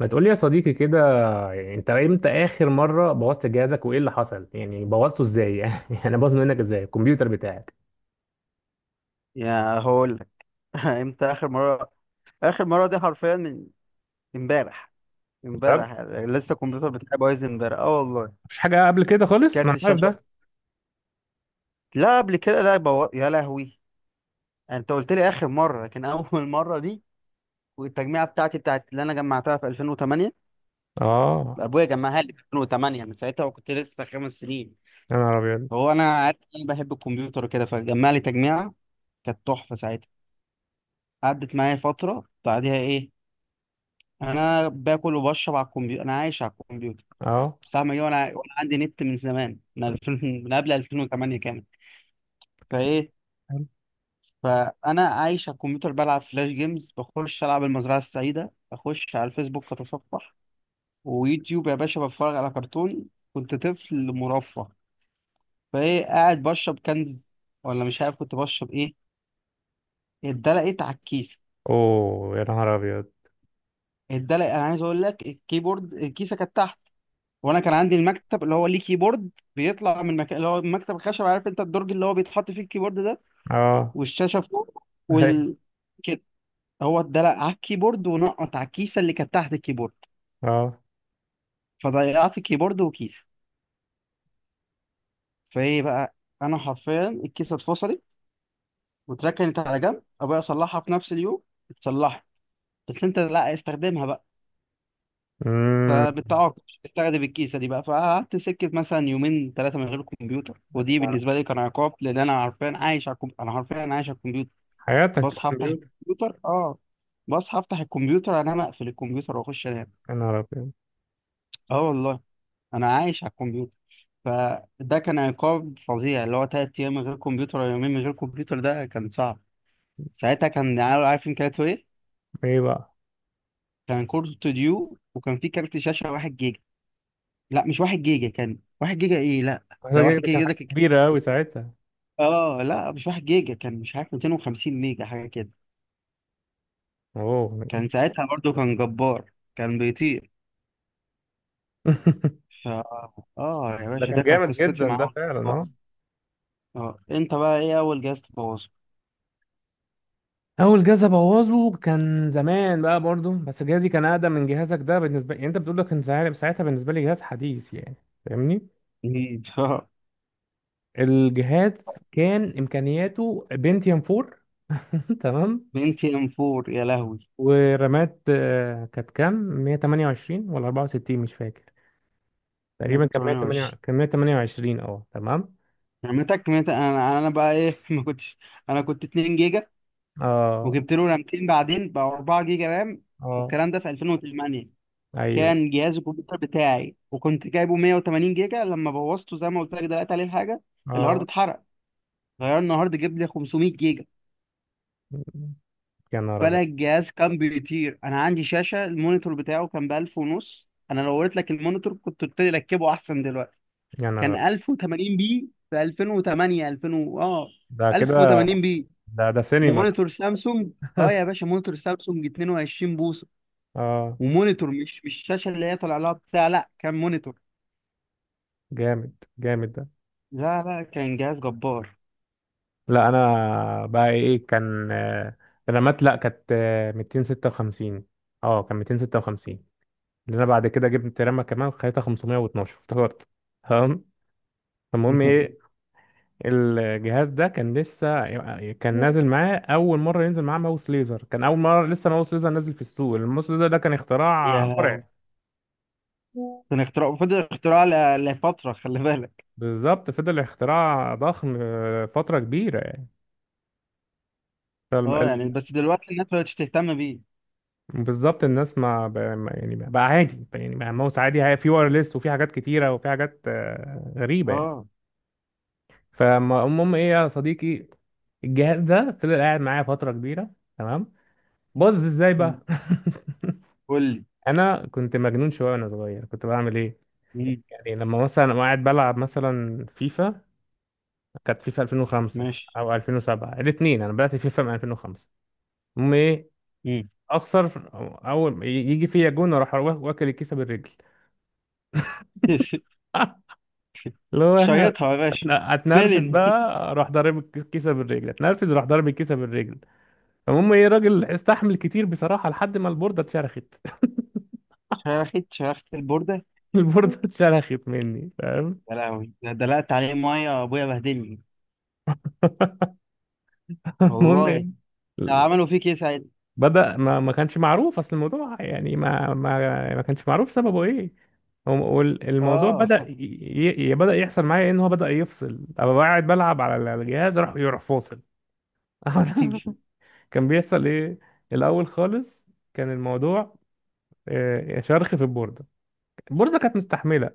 ما تقولي يا صديقي كده. يعني انت امتى اخر مره بوظت جهازك وايه اللي حصل؟ يعني بوظته ازاي؟ يعني انا باظ منك ازاي الكمبيوتر بتاعك؟ يا هقول لك. امتى اخر مره دي حرفيا من امبارح. يا راجل. امبارح يعني لسه الكمبيوتر بتاعي بايظ امبارح، اه والله. مفيش حاجه قبل كده خالص، ما كارت انا عارف الشاشه. ده. لا قبل كده لا يا لهوي، يعني انت قلت لي اخر مره، لكن اول مره دي. والتجميعه بتاعتي بتاعت اللي انا جمعتها في 2008، اه. ابويا جمعها لي في 2008، من ساعتها وكنت لسه خمس سنين. يا نهار ابيض. هو انا عارف إن انا بحب الكمبيوتر وكده، فجمع لي تجميعه كانت تحفه ساعتها. قعدت معايا فتره، بعدها ايه، انا باكل وبشرب على الكمبيوتر، انا عايش على الكمبيوتر. اه. فاهمة ايه؟ وانا عندي نت من زمان، من 2000، من قبل 2008 كمان. فايه، فانا عايش على الكمبيوتر، بلعب فلاش جيمز، بخش العب المزرعة السعيدة، اخش على الفيسبوك اتصفح، ويوتيوب يا باشا، بتفرج على كرتون. كنت طفل مرفه. فايه، قاعد بشرب كنز ولا مش عارف كنت بشرب ايه، اتدلقت على الكيسة. اوه، يا نهار ابيض. اتدلق، انا عايز اقول لك، الكيبورد الكيسة كانت تحت، وانا كان عندي المكتب اللي هو ليه كيبورد بيطلع من مكان، اللي هو المكتب الخشب، عارف انت الدرج اللي هو بيتحط فيه الكيبورد ده، اه. والشاشه فوق، هي. وال كده. هو اتدلق على الكيبورد ونقط على الكيسه اللي كانت تحت الكيبورد، اه. فضيعت الكيبورد وكيسه. فايه بقى، انا حرفيا الكيسه اتفصلت واتركنت على جنب. ابويا صلحها في نفس اليوم، اتصلحت، بس انت لا استخدمها بقى. امم. فبتعاقب استخدم الكيسه دي بقى، فقعدت سكت مثلا يومين ثلاثه من غير كمبيوتر، ودي بالنسبه لي كان عقاب، لان انا حرفيا عايش على انا حرفيا عايش على الكمبيوتر. حياتك بصحى افتح الكمبيوتر. الكمبيوتر، اه، بصحى افتح الكمبيوتر، انام اقفل الكمبيوتر واخش انام، يا نهار ابيض. اه والله. انا عايش على الكمبيوتر. فده كان عقاب فظيع، اللي هو تلات ايام من غير كمبيوتر او يومين من غير كمبيوتر، ده كان صعب. ساعتها كان عارف، عارفين كانت ايه؟ ايه بقى؟ كان كورت استوديو، وكان في كارت شاشه واحد جيجا. لا مش واحد جيجا، كان واحد جيجا ايه، لا. ده واحد ده كان جيجا ده حاجه كان، كبيره قوي ساعتها. اه لا مش واحد جيجا، كان مش عارف 250 ميجا حاجه كده. اوه. كان ساعتها برضو كان جبار، كان بيطير. ف اه يا ده باشا، كان ده كانت جامد قصتي جدا مع ده اول فعلا، آه. جهاز. اه انت بقى ايه اول جهاز تبوظه؟ اول جهاز ابوظه كان زمان بقى، برضو بس جهازي كان اقدم من جهازك ده. بالنسبه، يعني انت بتقول لك كان ساعتها، ساعتها بالنسبه لي جهاز حديث يعني. فاهمني. مم. الجهاز كان امكانياته بنتيوم 4. تمام. بنتي ام 4، يا لهوي. ورامات كانت كام؟ 128 ولا 64؟ مش فاكر. تقريبا كان 128، 128، كان 128. اه تمام. رمتك انا بقى ايه؟ ما كنتش، انا كنت 2 جيجا، اه. وجبت له رامتين بعدين بقى 4 جيجا رام. اه. والكلام ده في 2008، ايوه. كان جهاز الكمبيوتر بتاعي، وكنت جايبه 180 جيجا. لما بوظته، زي ما قلت لك دلوقتي عليه الحاجه، الهارد اه. اتحرق، غيرنا هارد، جاب لي 500 جيجا. يا نهار ابيض. فانا الجهاز كان بيطير. انا عندي شاشه المونيتور بتاعه كان ب 1000 ونص. انا لو وريت لك المونيتور كنت قلت لي ركبه احسن دلوقتي. يا نهار كان أبيض. 1080 بي في 2008، 2000 اه، ده كده. 1080 بي. ده سينما ده. مونيتور سامسونج. اه يا باشا، مونيتور سامسونج 22 بوصه. اه. ومونيتور مش الشاشه اللي هي طالع لها بتاع، لا كان مونيتور. جامد جامد. لا لا، كان جهاز جبار. لا انا بقى ايه كان، رامات، لا كانت 256. اه كان 256. لان انا بعد كده جبت رامة كمان خليتها 512 افتكرت. تمام. فالمهم ايه؟ الجهاز ده كان لسه كان نازل معاه، اول مره ينزل معاه ماوس ليزر. كان اول مره لسه ماوس ليزر نازل في السوق. الماوس ليزر ده كان اختراع يا، مرعب. كان اختراع، فضل اختراع لفتره، خلي بالك. بالظبط، فضل اختراع ضخم فتره كبيره. اه يعني بس دلوقتي الناس مبقتش تهتم بيه. بالظبط الناس ما ب- ما- يعني بقى عادي، يعني بقى ماوس عادي. في وايرلس وفي حاجات كتيرة وفي حاجات غريبة يعني. اه. فالمهم ايه يا صديقي؟ الجهاز ده فضل قاعد معايا فترة كبيرة. تمام. باظ ازاي مم. بقى؟ قول لي. انا كنت مجنون شوية وانا صغير، كنت بعمل ايه؟ مم. يعني لما مثلا أبقى قاعد بلعب مثلا فيفا، كانت فيفا 2005 ماشي. او 2007، الاثنين انا بدأت فيفا من 2005. المهم ايه؟ مم. اخسر، اول يجي فيا جون اروح واكل الكيسة بالرجل. اللي هو. شيطها يا باشا. لا اتنرفز فيلن. بقى. راح ضارب الكيسه بالرجل، اتنرفز راح ضارب الكيسه بالرجل. فالمهم ايه؟ الراجل استحمل كتير بصراحه لحد ما البورده اتشرخت. شرخت البورده. البورده اتشرخت مني، فاهم؟ يا لهوي، ده دلقت عليه ميه ابويا بهدلني المهم والله. ايه؟ عملوا فيك ايه ساعتها؟ بدأ، ما كانش معروف اصل الموضوع يعني، ما كانش معروف سببه ايه. والموضوع اه بدأ بدأ يحصل معايا ايه، ان هو بدأ يفصل. ابقى قاعد بلعب على الجهاز اروح، يروح فاصل. كان بيحصل ايه الاول خالص؟ كان الموضوع شرخ في البوردة. البورصه كانت مستحمله،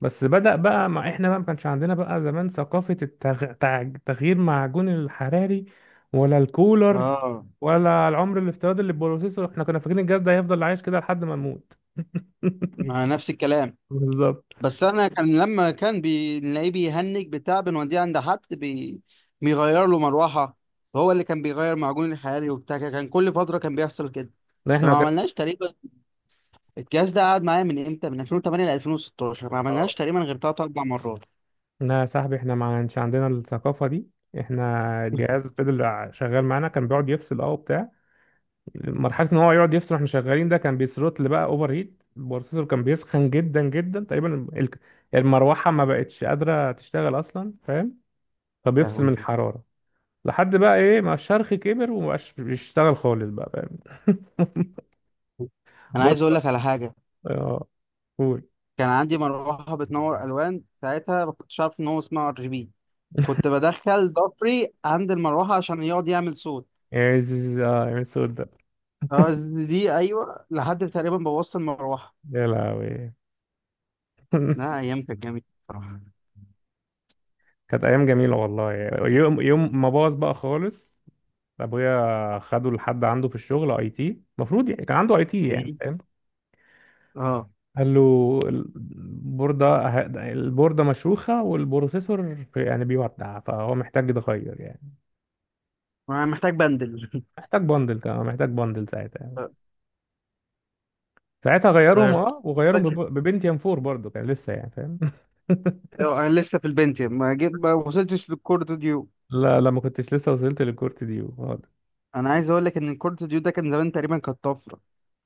بس بدأ بقى. مع احنا بقى ما كانش عندنا بقى زمان ثقافه تغيير معجون الحراري ولا الكولر اه. ولا العمر الافتراضي للبروسيسور. احنا كنا فاكرين الجهاز ده هيفضل عايش كده لحد ما نموت. مع نفس الكلام. بالظبط. بس انا كان لما كان بنلاقيه بيهنج بتاع، بنوديه عند حد بيغير له مروحه. هو اللي كان بيغير معجون الحراري وبتاع كده، كان كل فتره كان بيحصل كده. لا بس احنا ما كده. عملناش تقريبا، الجهاز ده قعد معايا من امتى، من 2008 ل 2016، ما عملناش تقريبا غير ثلاث اربع مرات. لا يا صاحبي، احنا ما كانش عندنا الثقافه دي. احنا الجهاز فضل شغال معانا، كان بيقعد يفصل وبتاع. مرحله ان هو يقعد يفصل واحنا شغالين، ده كان بيثروتل بقى، اوفر هيت. البروسيسور كان بيسخن جدا جدا، تقريبا المروحه ما بقتش قادره تشتغل اصلا، فاهم؟ فبيفصل لهوي. من الحراره لحد بقى ايه ما الشرخ كبر ومبقاش بيشتغل خالص بقى، فاهم؟ انا بص. عايز اقول لك على حاجه، اه. قول. كان عندي مروحة بتنور ألوان ساعتها، ما كنتش عارف إن هو اسمه ار جي بي، كنت بدخل ضفري عند المروحة عشان يقعد يعمل صوت. يا زيز- اه يا الصوت ده. اه، دي أيوه، لحد تقريبا بوظت المروحة. يا لهوي. لا أيام كانت جميلة بصراحة. كانت ايام جميله والله. يوم يوم ما باظ بقى خالص، ابويا خده لحد عنده في الشغل، اي تي المفروض، يعني كان عنده اي تي يعني إيه؟ فاهم. اه، قال له البوردة البوردة مشروخة والبروسيسور يعني بيودع، فهو محتاج يتغير يعني. أنا محتاج بندل. محتاج بندل، كمان محتاج بندل ساعتها يعني. ساعتها غيرهم غيرت. مش وغيرهم فاكر. ببنتيوم 4 برضه، كان لسه يعني فاهم. أيوة، أنا لسه في البنتيوم، ما جيت ما وصلتش للكورت ديو. لا لا، ما كنتش لسه وصلت للكورت دي خالص. أنا عايز أقول لك إن الكورت ديو ده كان زمان تقريبا كانت طفرة،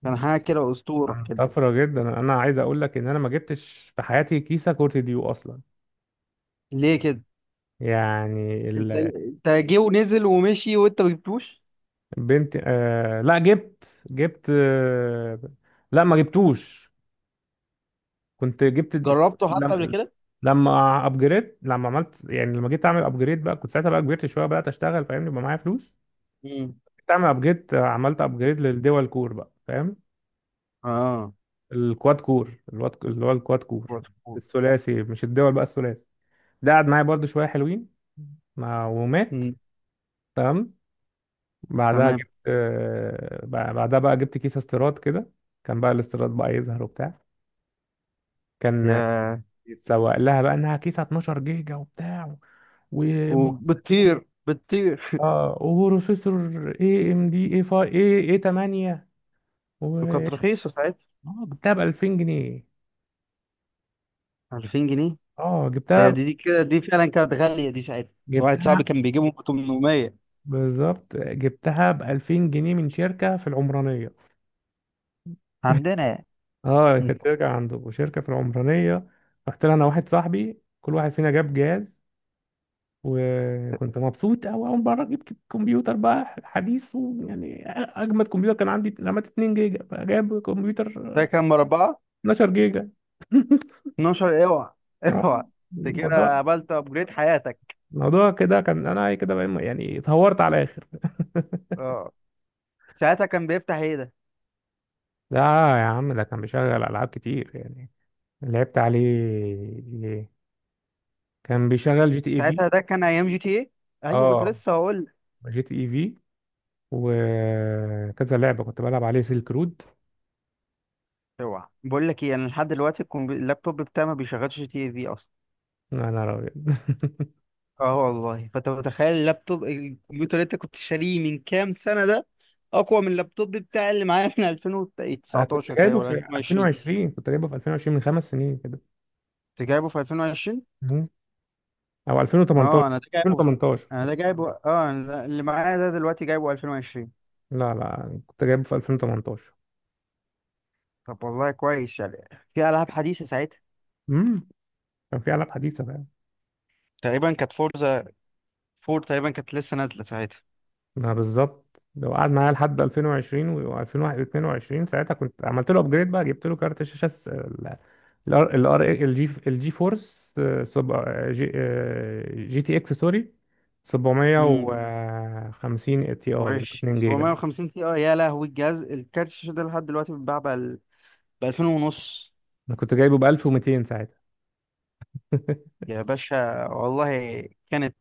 كان حاجة كده أسطورة كان كده. طفرة جدا، انا عايز اقول لك ان انا ما جبتش في حياتي كيسة كورت ديو اصلا، ليه كده؟ يعني. أنت جه ونزل ومشي وأنت ما جبتوش؟ البنت لا جبت، جبت لا ما جبتوش. كنت جبت، كنت جربته حتى قبل لما كده؟ لما ابجريد، لما عملت، يعني لما جيت اعمل ابجريد بقى كنت ساعتها بقى، كبرت شويه بدات اشتغل فاهمني، يبقى معايا فلوس. مم. جيت اعمل ابجريد، عملت ابجريد للدول كور بقى فاهم. اه، الكواد كور، الواد اللي هو الكواد كور بروتوكول. الثلاثي، مش الدول بقى الثلاثي. ده قعد معايا برضه شويه حلوين ما ومات. مم. تمام. بعدها تمام. جبت بعدها بقى جبت كيس استيراد كده. كان بقى الاستيراد بقى يظهر وبتاع. كان يا، يتسوق لها بقى انها كيسه 12 جيجا وبتاع. وبتطير بتطير. اه وبروسيسور اي ام دي اي 5 اي اي 8، و وكانت رخيصة ساعتها. اه جبتها ب 2000 جنيه. 2000 جنيه. اه ده جبتها دي كده دي فعلا كانت غالية دي ساعتها، بس واحد جبتها صاحبي كان بيجيبهم ب 800. بالظبط جبتها ب 2000 جنيه من شركه في العمرانيه. عندنا يعني. اه مم. كانت شركه، عنده شركه في العمرانيه. رحت لها انا واحد صاحبي، كل واحد فينا جاب جهاز. وكنت مبسوط أوي، أول مرة جبت كمبيوتر بقى حديث ويعني أجمد كمبيوتر. كان عندي رامات 2 جيجا، فجاب كمبيوتر ده كان مربعة. 12 جيجا. 12، اوعى، اوعى. اه انت الموضوع، كده قابلت ابجريد حياتك. الموضوع كده كان، انا كده يعني اتهورت على الاخر. اه. ساعتها كان بيفتح ايه ده؟ ده يا عم ده كان بيشغل العاب كتير يعني. لعبت عليه، كان بيشغل جي تي اي في. ساعتها ده كان ايام جي تي ايه؟ ايوه، كنت اه لسه هقول لك. جي تي اي في وكذا لعبه كنت بلعب عليه سيلك رود. اوعى، بقول لك ايه، انا لحد دلوقتي اللابتوب بتاعي ما بيشغلش جي تي اي في اصلا. انا راجل. اه والله. فانت متخيل اللابتوب، الكمبيوتر اللي انت كنت شاريه من كام سنة ده اقوى من اللابتوب بتاعي اللي معايا من انا كنت 2019 تقريبا جايبه ولا في 2020. 2020، كنت جايبه في 2020 من 5 سنين كده. انت جايبه في 2020؟ مم. او اه، 2018. انا ده جايبه في، 2018. انا ده جايبه، اه، أنا ده، اللي معايا ده دلوقتي جايبه 2020. لا لا، كنت جايبه في 2018. طب والله كويس. يعني في العاب حديثة ساعتها. امم كان في العاب حديثه. تقريبا كانت فورزا فور تقريبا كانت لسه نازلة ساعتها. ما بالظبط، لو قعد معايا لحد 2020 و2022 ساعتها كنت عملت له ابجريد بقى، جبت له كارت شاشه الار الجي فورس جي جي تي اكس، سوري، امم. 750 تي اي وحش 2 جيجا. 750 تي، اه يا لهوي، الجهاز، الكارت الشاشة ده لحد دلوقتي بيتباع ب 2000 ونص. انا كنت جايبه ب 1200 ساعتها. يا باشا والله. كانت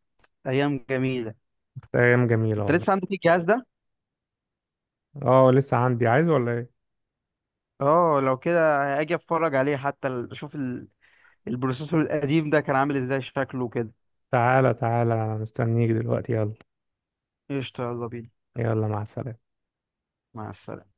ايام جميله. كانت ايام جميله انت والله. لسه عندك الجهاز ده؟ اه لسه عندي، عايز ولا ايه؟ اه لو كده اجي اتفرج عليه، حتى اشوف البروسيسور القديم ده كان عامل ازاي، شكله كده. تعالى تعالى انا مستنيك دلوقتي يلا. قشطه يلا بينا. يلا مع السلامه. مع السلامه.